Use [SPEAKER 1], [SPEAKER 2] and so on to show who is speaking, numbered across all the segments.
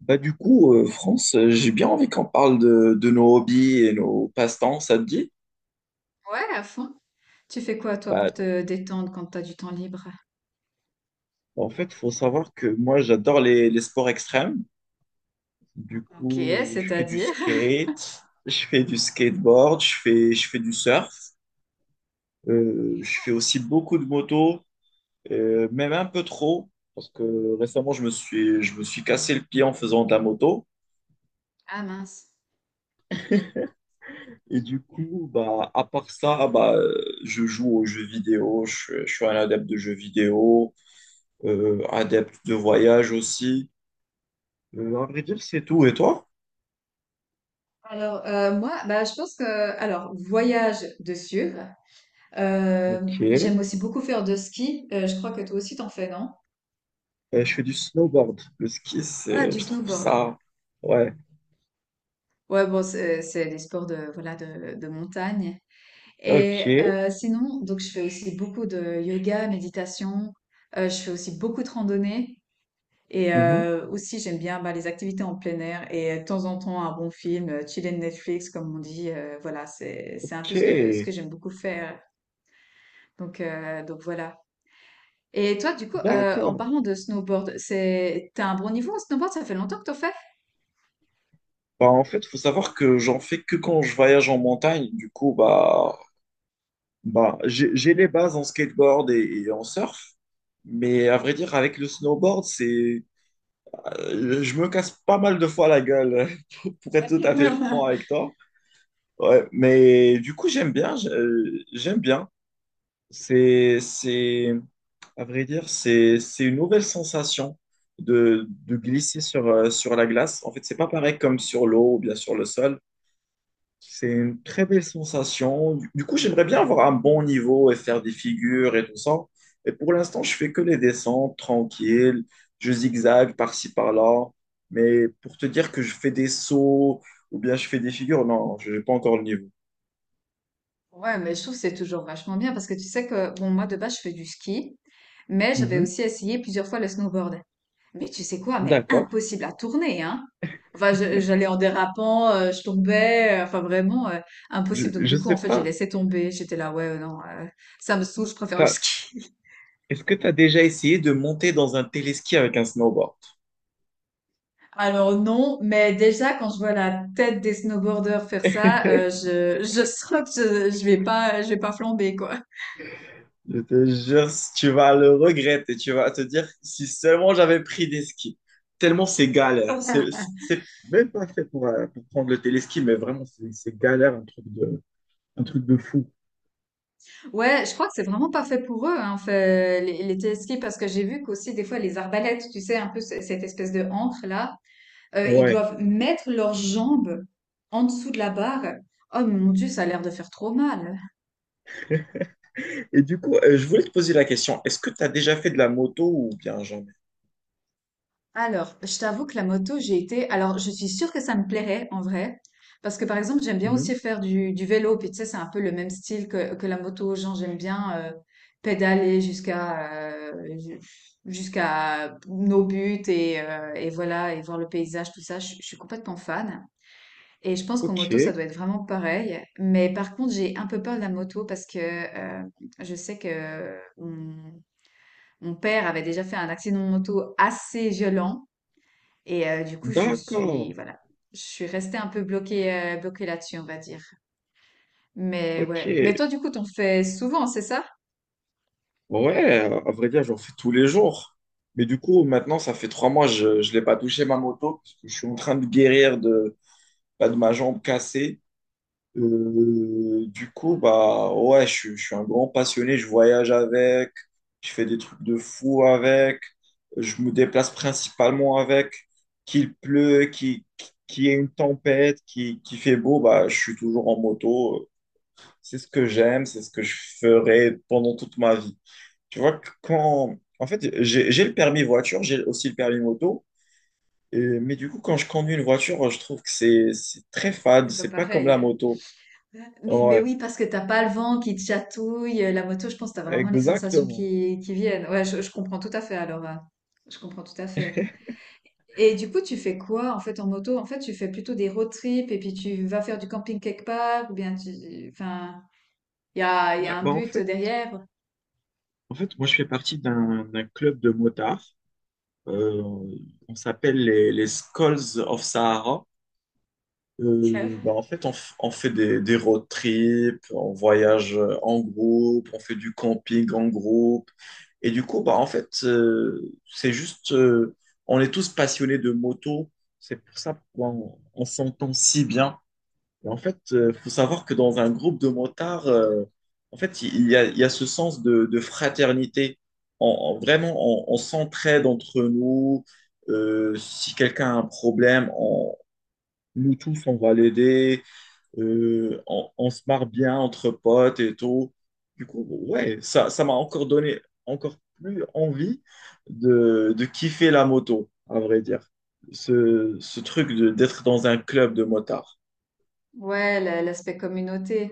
[SPEAKER 1] France, j'ai bien envie qu'on parle de nos hobbies et nos passe-temps, ça te dit?
[SPEAKER 2] Ouais, à fond. Tu fais quoi, toi, pour
[SPEAKER 1] Bah,
[SPEAKER 2] te détendre quand t'as du temps libre?
[SPEAKER 1] en fait, il faut savoir que moi, j'adore les sports extrêmes. Du
[SPEAKER 2] OK,
[SPEAKER 1] coup, je fais du
[SPEAKER 2] c'est-à-dire?
[SPEAKER 1] skate, je fais du skateboard, je fais du surf.
[SPEAKER 2] Ok.
[SPEAKER 1] Je fais aussi beaucoup de moto, même un peu trop, parce que récemment, je me suis cassé le pied en faisant de la moto.
[SPEAKER 2] Ah mince.
[SPEAKER 1] Et du coup, à part ça, je joue aux jeux vidéo, je suis un adepte de jeux vidéo. Adepte de voyage aussi. À vrai dire, c'est tout. Et toi?
[SPEAKER 2] Alors, moi, bah, je pense que, alors, voyage de sûr. Euh,
[SPEAKER 1] Ok.
[SPEAKER 2] j'aime aussi beaucoup faire de ski. Je crois que toi aussi, t'en fais, non?
[SPEAKER 1] Je fais du snowboard. Le ski,
[SPEAKER 2] Ah,
[SPEAKER 1] c'est,
[SPEAKER 2] du
[SPEAKER 1] je trouve
[SPEAKER 2] snowboard.
[SPEAKER 1] ça. Ouais.
[SPEAKER 2] Ouais, bon, c'est les sports de montagne.
[SPEAKER 1] Ok.
[SPEAKER 2] Et sinon, donc, je fais aussi beaucoup de yoga, méditation. Je fais aussi beaucoup de randonnée. Et
[SPEAKER 1] Mhm.
[SPEAKER 2] aussi j'aime bien, bah, les activités en plein air et de temps en temps un bon film, chiller Netflix comme on dit, voilà, c'est un peu
[SPEAKER 1] Ok.
[SPEAKER 2] ce que j'aime beaucoup faire. Donc voilà. Et toi du coup, en
[SPEAKER 1] D'accord.
[SPEAKER 2] parlant de snowboard, c'est t'as un bon niveau en snowboard? Ça fait longtemps que t'en fais?
[SPEAKER 1] En fait, faut savoir que j'en fais que quand je voyage en montagne. Du coup, j'ai les bases en skateboard et en surf. Mais à vrai dire, avec le snowboard, c'est, je me casse pas mal de fois la gueule, pour être tout à fait franc avec toi. Ouais, mais du coup, j'aime bien, j'aime bien. C'est, c'est, à vrai dire, c'est une nouvelle sensation de glisser sur la glace. En fait, c'est pas pareil comme sur l'eau ou bien sur le sol. C'est une très belle sensation. Du coup, j'aimerais bien avoir un bon niveau et faire des figures et tout ça. Et pour l'instant, je fais que les descentes tranquilles. Je zigzague par-ci, par-là. Mais pour te dire que je fais des sauts ou bien je fais des figures, non, je n'ai pas encore le niveau.
[SPEAKER 2] Ouais, mais je trouve que c'est toujours vachement bien parce que tu sais que bon moi de base je fais du ski, mais j'avais aussi essayé plusieurs fois le snowboard. Mais tu sais quoi? Mais
[SPEAKER 1] D'accord.
[SPEAKER 2] impossible à tourner, hein? Enfin, j'allais en dérapant, je tombais, enfin vraiment impossible. Donc
[SPEAKER 1] Je
[SPEAKER 2] du coup,
[SPEAKER 1] sais
[SPEAKER 2] en fait, j'ai
[SPEAKER 1] pas.
[SPEAKER 2] laissé tomber. J'étais là, ouais, non, ça me saoule, je préfère le
[SPEAKER 1] t'as-
[SPEAKER 2] ski.
[SPEAKER 1] Est-ce que tu as déjà essayé de monter dans un téléski avec un snowboard?
[SPEAKER 2] Alors non, mais déjà quand je vois la tête des snowboarders faire ça, je sens que je vais pas, je vais pas flamber quoi.
[SPEAKER 1] Je te jure, si tu vas le regretter. Tu vas te dire, si seulement j'avais pris des skis. Tellement c'est galère. C'est même pas fait pour prendre le téléski, mais vraiment, c'est galère, un truc de fou.
[SPEAKER 2] Ouais, je crois que c'est vraiment pas fait pour eux, hein, fait, les téléskis, parce que j'ai vu qu'aussi des fois les arbalètes, tu sais, un peu cette espèce de ancre là. Ils
[SPEAKER 1] Ouais.
[SPEAKER 2] doivent mettre leurs jambes en dessous de la barre. Oh mon Dieu, ça a l'air de faire trop mal.
[SPEAKER 1] Et du coup, je voulais te poser la question. Est-ce que tu as déjà fait de la moto ou bien jamais?
[SPEAKER 2] Alors, je t'avoue que la moto, j'ai été… Alors, je suis sûre que ça me plairait en vrai. Parce que par exemple, j'aime bien aussi
[SPEAKER 1] Mhm.
[SPEAKER 2] faire du vélo. Puis tu sais, c'est un peu le même style que la moto. Genre, j'aime bien pédaler jusqu'à jusqu'à nos buts et voilà, et voir le paysage, tout ça. Je suis complètement fan. Et je pense qu'en
[SPEAKER 1] Ok.
[SPEAKER 2] moto, ça doit être vraiment pareil. Mais par contre, j'ai un peu peur de la moto parce que je sais que mon père avait déjà fait un accident de moto assez violent. Et du coup, je suis,
[SPEAKER 1] D'accord.
[SPEAKER 2] voilà, je suis restée un peu bloquée, bloquée là-dessus, on va dire. Mais
[SPEAKER 1] Ok.
[SPEAKER 2] ouais. Mais toi, du coup, t'en fais souvent, c'est ça?
[SPEAKER 1] Ouais, à vrai dire, j'en fais tous les jours. Mais du coup, maintenant, ça fait trois mois, je ne l'ai pas touché ma moto, parce que je suis en train de guérir bah, de ma jambe cassée. Du coup, bah ouais, je suis un grand passionné, je voyage avec, je fais des trucs de fou avec, je me déplace principalement avec. Qu'il pleut, qu'il qu'il y ait une tempête, qu'il fait beau, bah je suis toujours en moto. C'est ce que j'aime, c'est ce que je ferai pendant toute ma vie. Tu vois, que quand... En fait, j'ai le permis voiture, j'ai aussi le permis moto. Et... Mais du coup, quand je conduis une voiture, je trouve que c'est très fade.
[SPEAKER 2] C'est pas
[SPEAKER 1] C'est pas comme la
[SPEAKER 2] pareil.
[SPEAKER 1] moto.
[SPEAKER 2] Mais
[SPEAKER 1] Ouais,
[SPEAKER 2] oui, parce que t'as pas le vent qui te chatouille. La moto, je pense que t'as vraiment les sensations
[SPEAKER 1] exactement.
[SPEAKER 2] qui viennent. Ouais, je comprends tout à fait alors, hein. Je comprends tout à fait. Et du coup, tu fais quoi en fait en moto? En fait, tu fais plutôt des road trips et puis tu vas faire du camping quelque part ou bien tu… Enfin, il y
[SPEAKER 1] Ouais,
[SPEAKER 2] a un but derrière.
[SPEAKER 1] moi je fais partie d'un club de motards. Euh, on s'appelle les Skulls of Sahara.
[SPEAKER 2] Ok.
[SPEAKER 1] En fait, on fait des road trips, on voyage en groupe, on fait du camping en groupe. Et du coup, c'est juste, on est tous passionnés de moto. C'est pour ça qu'on on s'entend si bien. Et en fait, il faut savoir que dans un groupe de motards, il y a ce sens de fraternité. Vraiment, on s'entraide entre nous. Si quelqu'un a un problème, nous tous, on va l'aider. On se marre bien entre potes et tout. Du coup, ouais, ça m'a encore donné encore plus envie de kiffer la moto, à vrai dire. Ce d'être dans un club de motards.
[SPEAKER 2] Ouais, l'aspect communauté.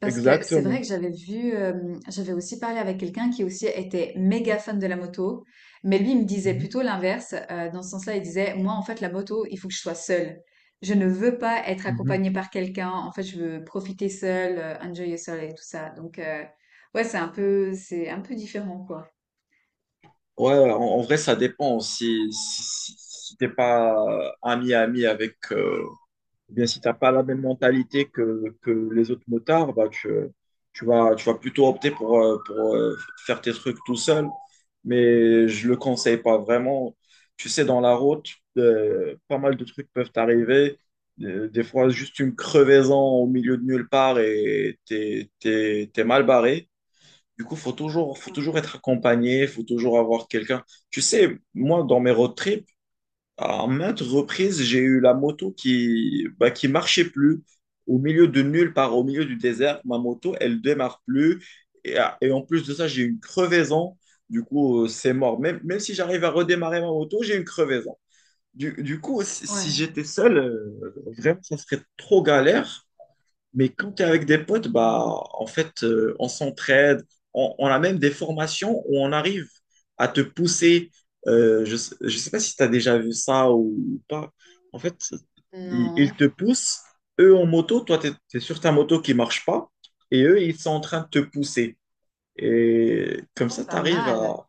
[SPEAKER 2] Parce que c'est vrai
[SPEAKER 1] Exactement.
[SPEAKER 2] que j'avais vu, j'avais aussi parlé avec quelqu'un qui aussi était méga fan de la moto, mais lui, il me disait
[SPEAKER 1] Mhm.
[SPEAKER 2] plutôt l'inverse, dans ce sens-là, il disait: «Moi, en fait, la moto, il faut que je sois seul. Je ne veux pas être
[SPEAKER 1] Mhm.
[SPEAKER 2] accompagné par quelqu'un. En fait, je veux profiter seul, enjoy yourself et tout ça». Donc ouais, c'est un peu différent, quoi.
[SPEAKER 1] Ouais, en vrai, ça dépend. Si t'es pas ami-ami avec, eh bien, si tu n'as pas la même mentalité que les autres motards, tu vas plutôt opter pour faire tes trucs tout seul. Mais je ne le conseille pas vraiment. Tu sais, dans la route, pas mal de trucs peuvent t'arriver. Des fois, juste une crevaison au milieu de nulle part et t'es mal barré. Du coup, faut toujours être accompagné, faut toujours avoir quelqu'un. Tu sais, moi, dans mes road trips, à maintes reprises, j'ai eu la moto qui marchait plus. Au milieu de nulle part, au milieu du désert, ma moto, elle démarre plus. Et, ah, et en plus de ça, j'ai une crevaison. Du coup, c'est mort. Même si j'arrive à redémarrer ma moto, j'ai une crevaison. Du coup, si
[SPEAKER 2] Ouais.
[SPEAKER 1] j'étais seul, vraiment, ça serait trop galère. Mais quand tu es avec des potes, on s'entraide. On a même des formations où on arrive à te pousser. Je ne sais pas si tu as déjà vu ça ou pas. En fait,
[SPEAKER 2] Non.
[SPEAKER 1] ils te poussent. Eux en moto, toi, sur ta moto qui marche pas. Et eux, ils sont en train de te pousser. Et comme
[SPEAKER 2] Oh,
[SPEAKER 1] ça, tu
[SPEAKER 2] pas
[SPEAKER 1] arrives
[SPEAKER 2] mal.
[SPEAKER 1] à...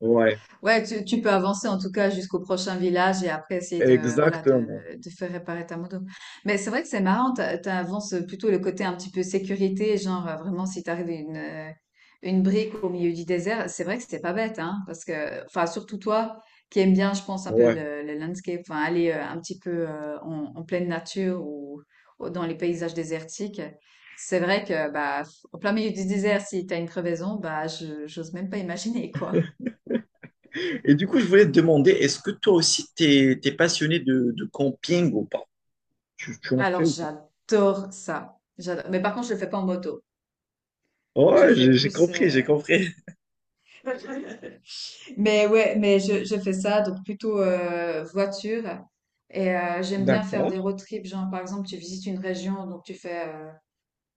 [SPEAKER 1] Ouais,
[SPEAKER 2] Ouais, tu peux avancer en tout cas jusqu'au prochain village et après essayer
[SPEAKER 1] exactement.
[SPEAKER 2] de faire réparer ta moto. Mais c'est vrai que c'est marrant, t'avances plutôt le côté un petit peu sécurité, genre vraiment si t'arrives une brique au milieu du désert, c'est vrai que c'était pas bête, hein, parce que, enfin, surtout toi qui aimes bien, je pense, un peu
[SPEAKER 1] Ouais.
[SPEAKER 2] le landscape, enfin, aller un petit peu en pleine nature ou dans les paysages désertiques. C'est vrai que, bah, au plein milieu du désert, si t'as une crevaison, bah, j'ose même pas imaginer, quoi.
[SPEAKER 1] Et du coup, je voulais te demander, est-ce que toi aussi, passionné de camping ou pas? Tu en fais
[SPEAKER 2] Alors,
[SPEAKER 1] ou pas?
[SPEAKER 2] j'adore ça. J'adore. Mais par contre, je le fais pas en moto. Je
[SPEAKER 1] Ouais,
[SPEAKER 2] fais
[SPEAKER 1] j'ai
[SPEAKER 2] plus.
[SPEAKER 1] compris, j'ai compris.
[SPEAKER 2] Mais ouais, mais je fais ça, donc plutôt voiture. Et j'aime bien faire
[SPEAKER 1] D'accord.
[SPEAKER 2] des road trips. Genre, par exemple, tu visites une région, donc tu fais,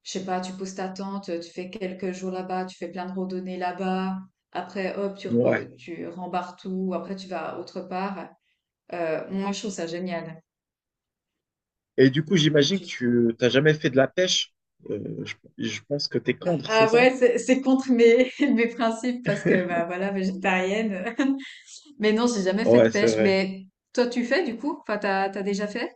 [SPEAKER 2] je sais pas, tu poses ta tente, tu fais quelques jours là-bas, tu fais plein de randonnées là-bas. Après, hop,
[SPEAKER 1] Ouais.
[SPEAKER 2] tu rembarres tout. Après, tu vas autre part. Moi, je trouve ça génial.
[SPEAKER 1] Et du coup, j'imagine que tu t'as jamais fait de la pêche. Je pense que t'es
[SPEAKER 2] Bah,
[SPEAKER 1] contre, c'est
[SPEAKER 2] ah
[SPEAKER 1] ça?
[SPEAKER 2] ouais, c'est contre mes, mes principes parce que bah voilà, végétarienne. Mais non, j'ai jamais fait de
[SPEAKER 1] Ouais, c'est
[SPEAKER 2] pêche.
[SPEAKER 1] vrai.
[SPEAKER 2] Mais toi, tu fais du coup? Enfin, t'as déjà fait?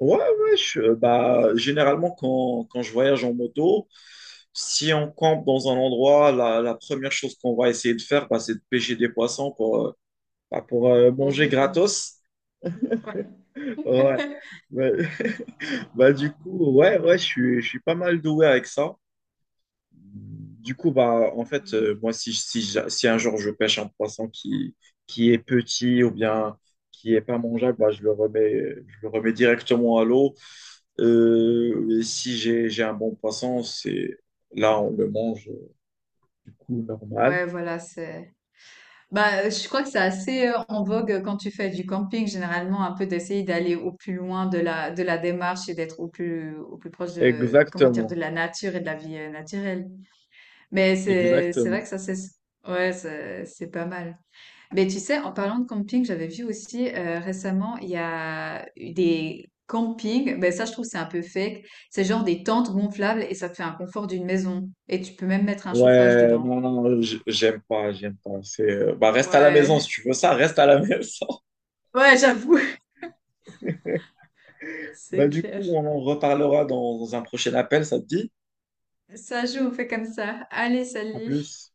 [SPEAKER 1] Ouais, ouais, généralement, quand je voyage en moto, si on campe dans un endroit, la première chose qu'on va essayer de faire, bah, c'est de pêcher des poissons pour, pour
[SPEAKER 2] En
[SPEAKER 1] manger
[SPEAKER 2] manger, quoi.
[SPEAKER 1] gratos.
[SPEAKER 2] Ouais.
[SPEAKER 1] Ouais. Ouais. Bah, du coup, ouais, ouais, je suis pas mal doué avec ça. Du coup, moi, si un jour je pêche un poisson qui est petit ou bien qui est pas mangeable, bah, je le remets directement à l'eau. Et si j'ai, j'ai un bon poisson, c'est là, on le mange du coup normal.
[SPEAKER 2] Ouais, voilà, c'est. Bah, je crois que c'est assez en vogue quand tu fais du camping, généralement, un peu d'essayer d'aller au plus loin de la démarche et d'être au plus proche de, comment dire, de
[SPEAKER 1] Exactement,
[SPEAKER 2] la nature et de la vie naturelle. Mais c'est vrai
[SPEAKER 1] exactement.
[SPEAKER 2] que ça, c'est, ouais, c'est pas mal. Mais tu sais, en parlant de camping, j'avais vu aussi récemment, il y a eu des campings. Ben ça, je trouve c'est un peu fake. C'est genre des tentes gonflables et ça te fait un confort d'une maison. Et tu peux même mettre un chauffage
[SPEAKER 1] Ouais,
[SPEAKER 2] dedans.
[SPEAKER 1] non, non, j'aime pas, j'aime pas. Reste à la maison si
[SPEAKER 2] Ouais,
[SPEAKER 1] tu veux ça, reste à la maison.
[SPEAKER 2] ouais, j'avoue,
[SPEAKER 1] Bah,
[SPEAKER 2] c'est
[SPEAKER 1] du
[SPEAKER 2] clair.
[SPEAKER 1] coup, on en reparlera dans un prochain appel, ça te dit?
[SPEAKER 2] Ça joue, on fait comme ça. Allez,
[SPEAKER 1] À
[SPEAKER 2] salut.
[SPEAKER 1] plus.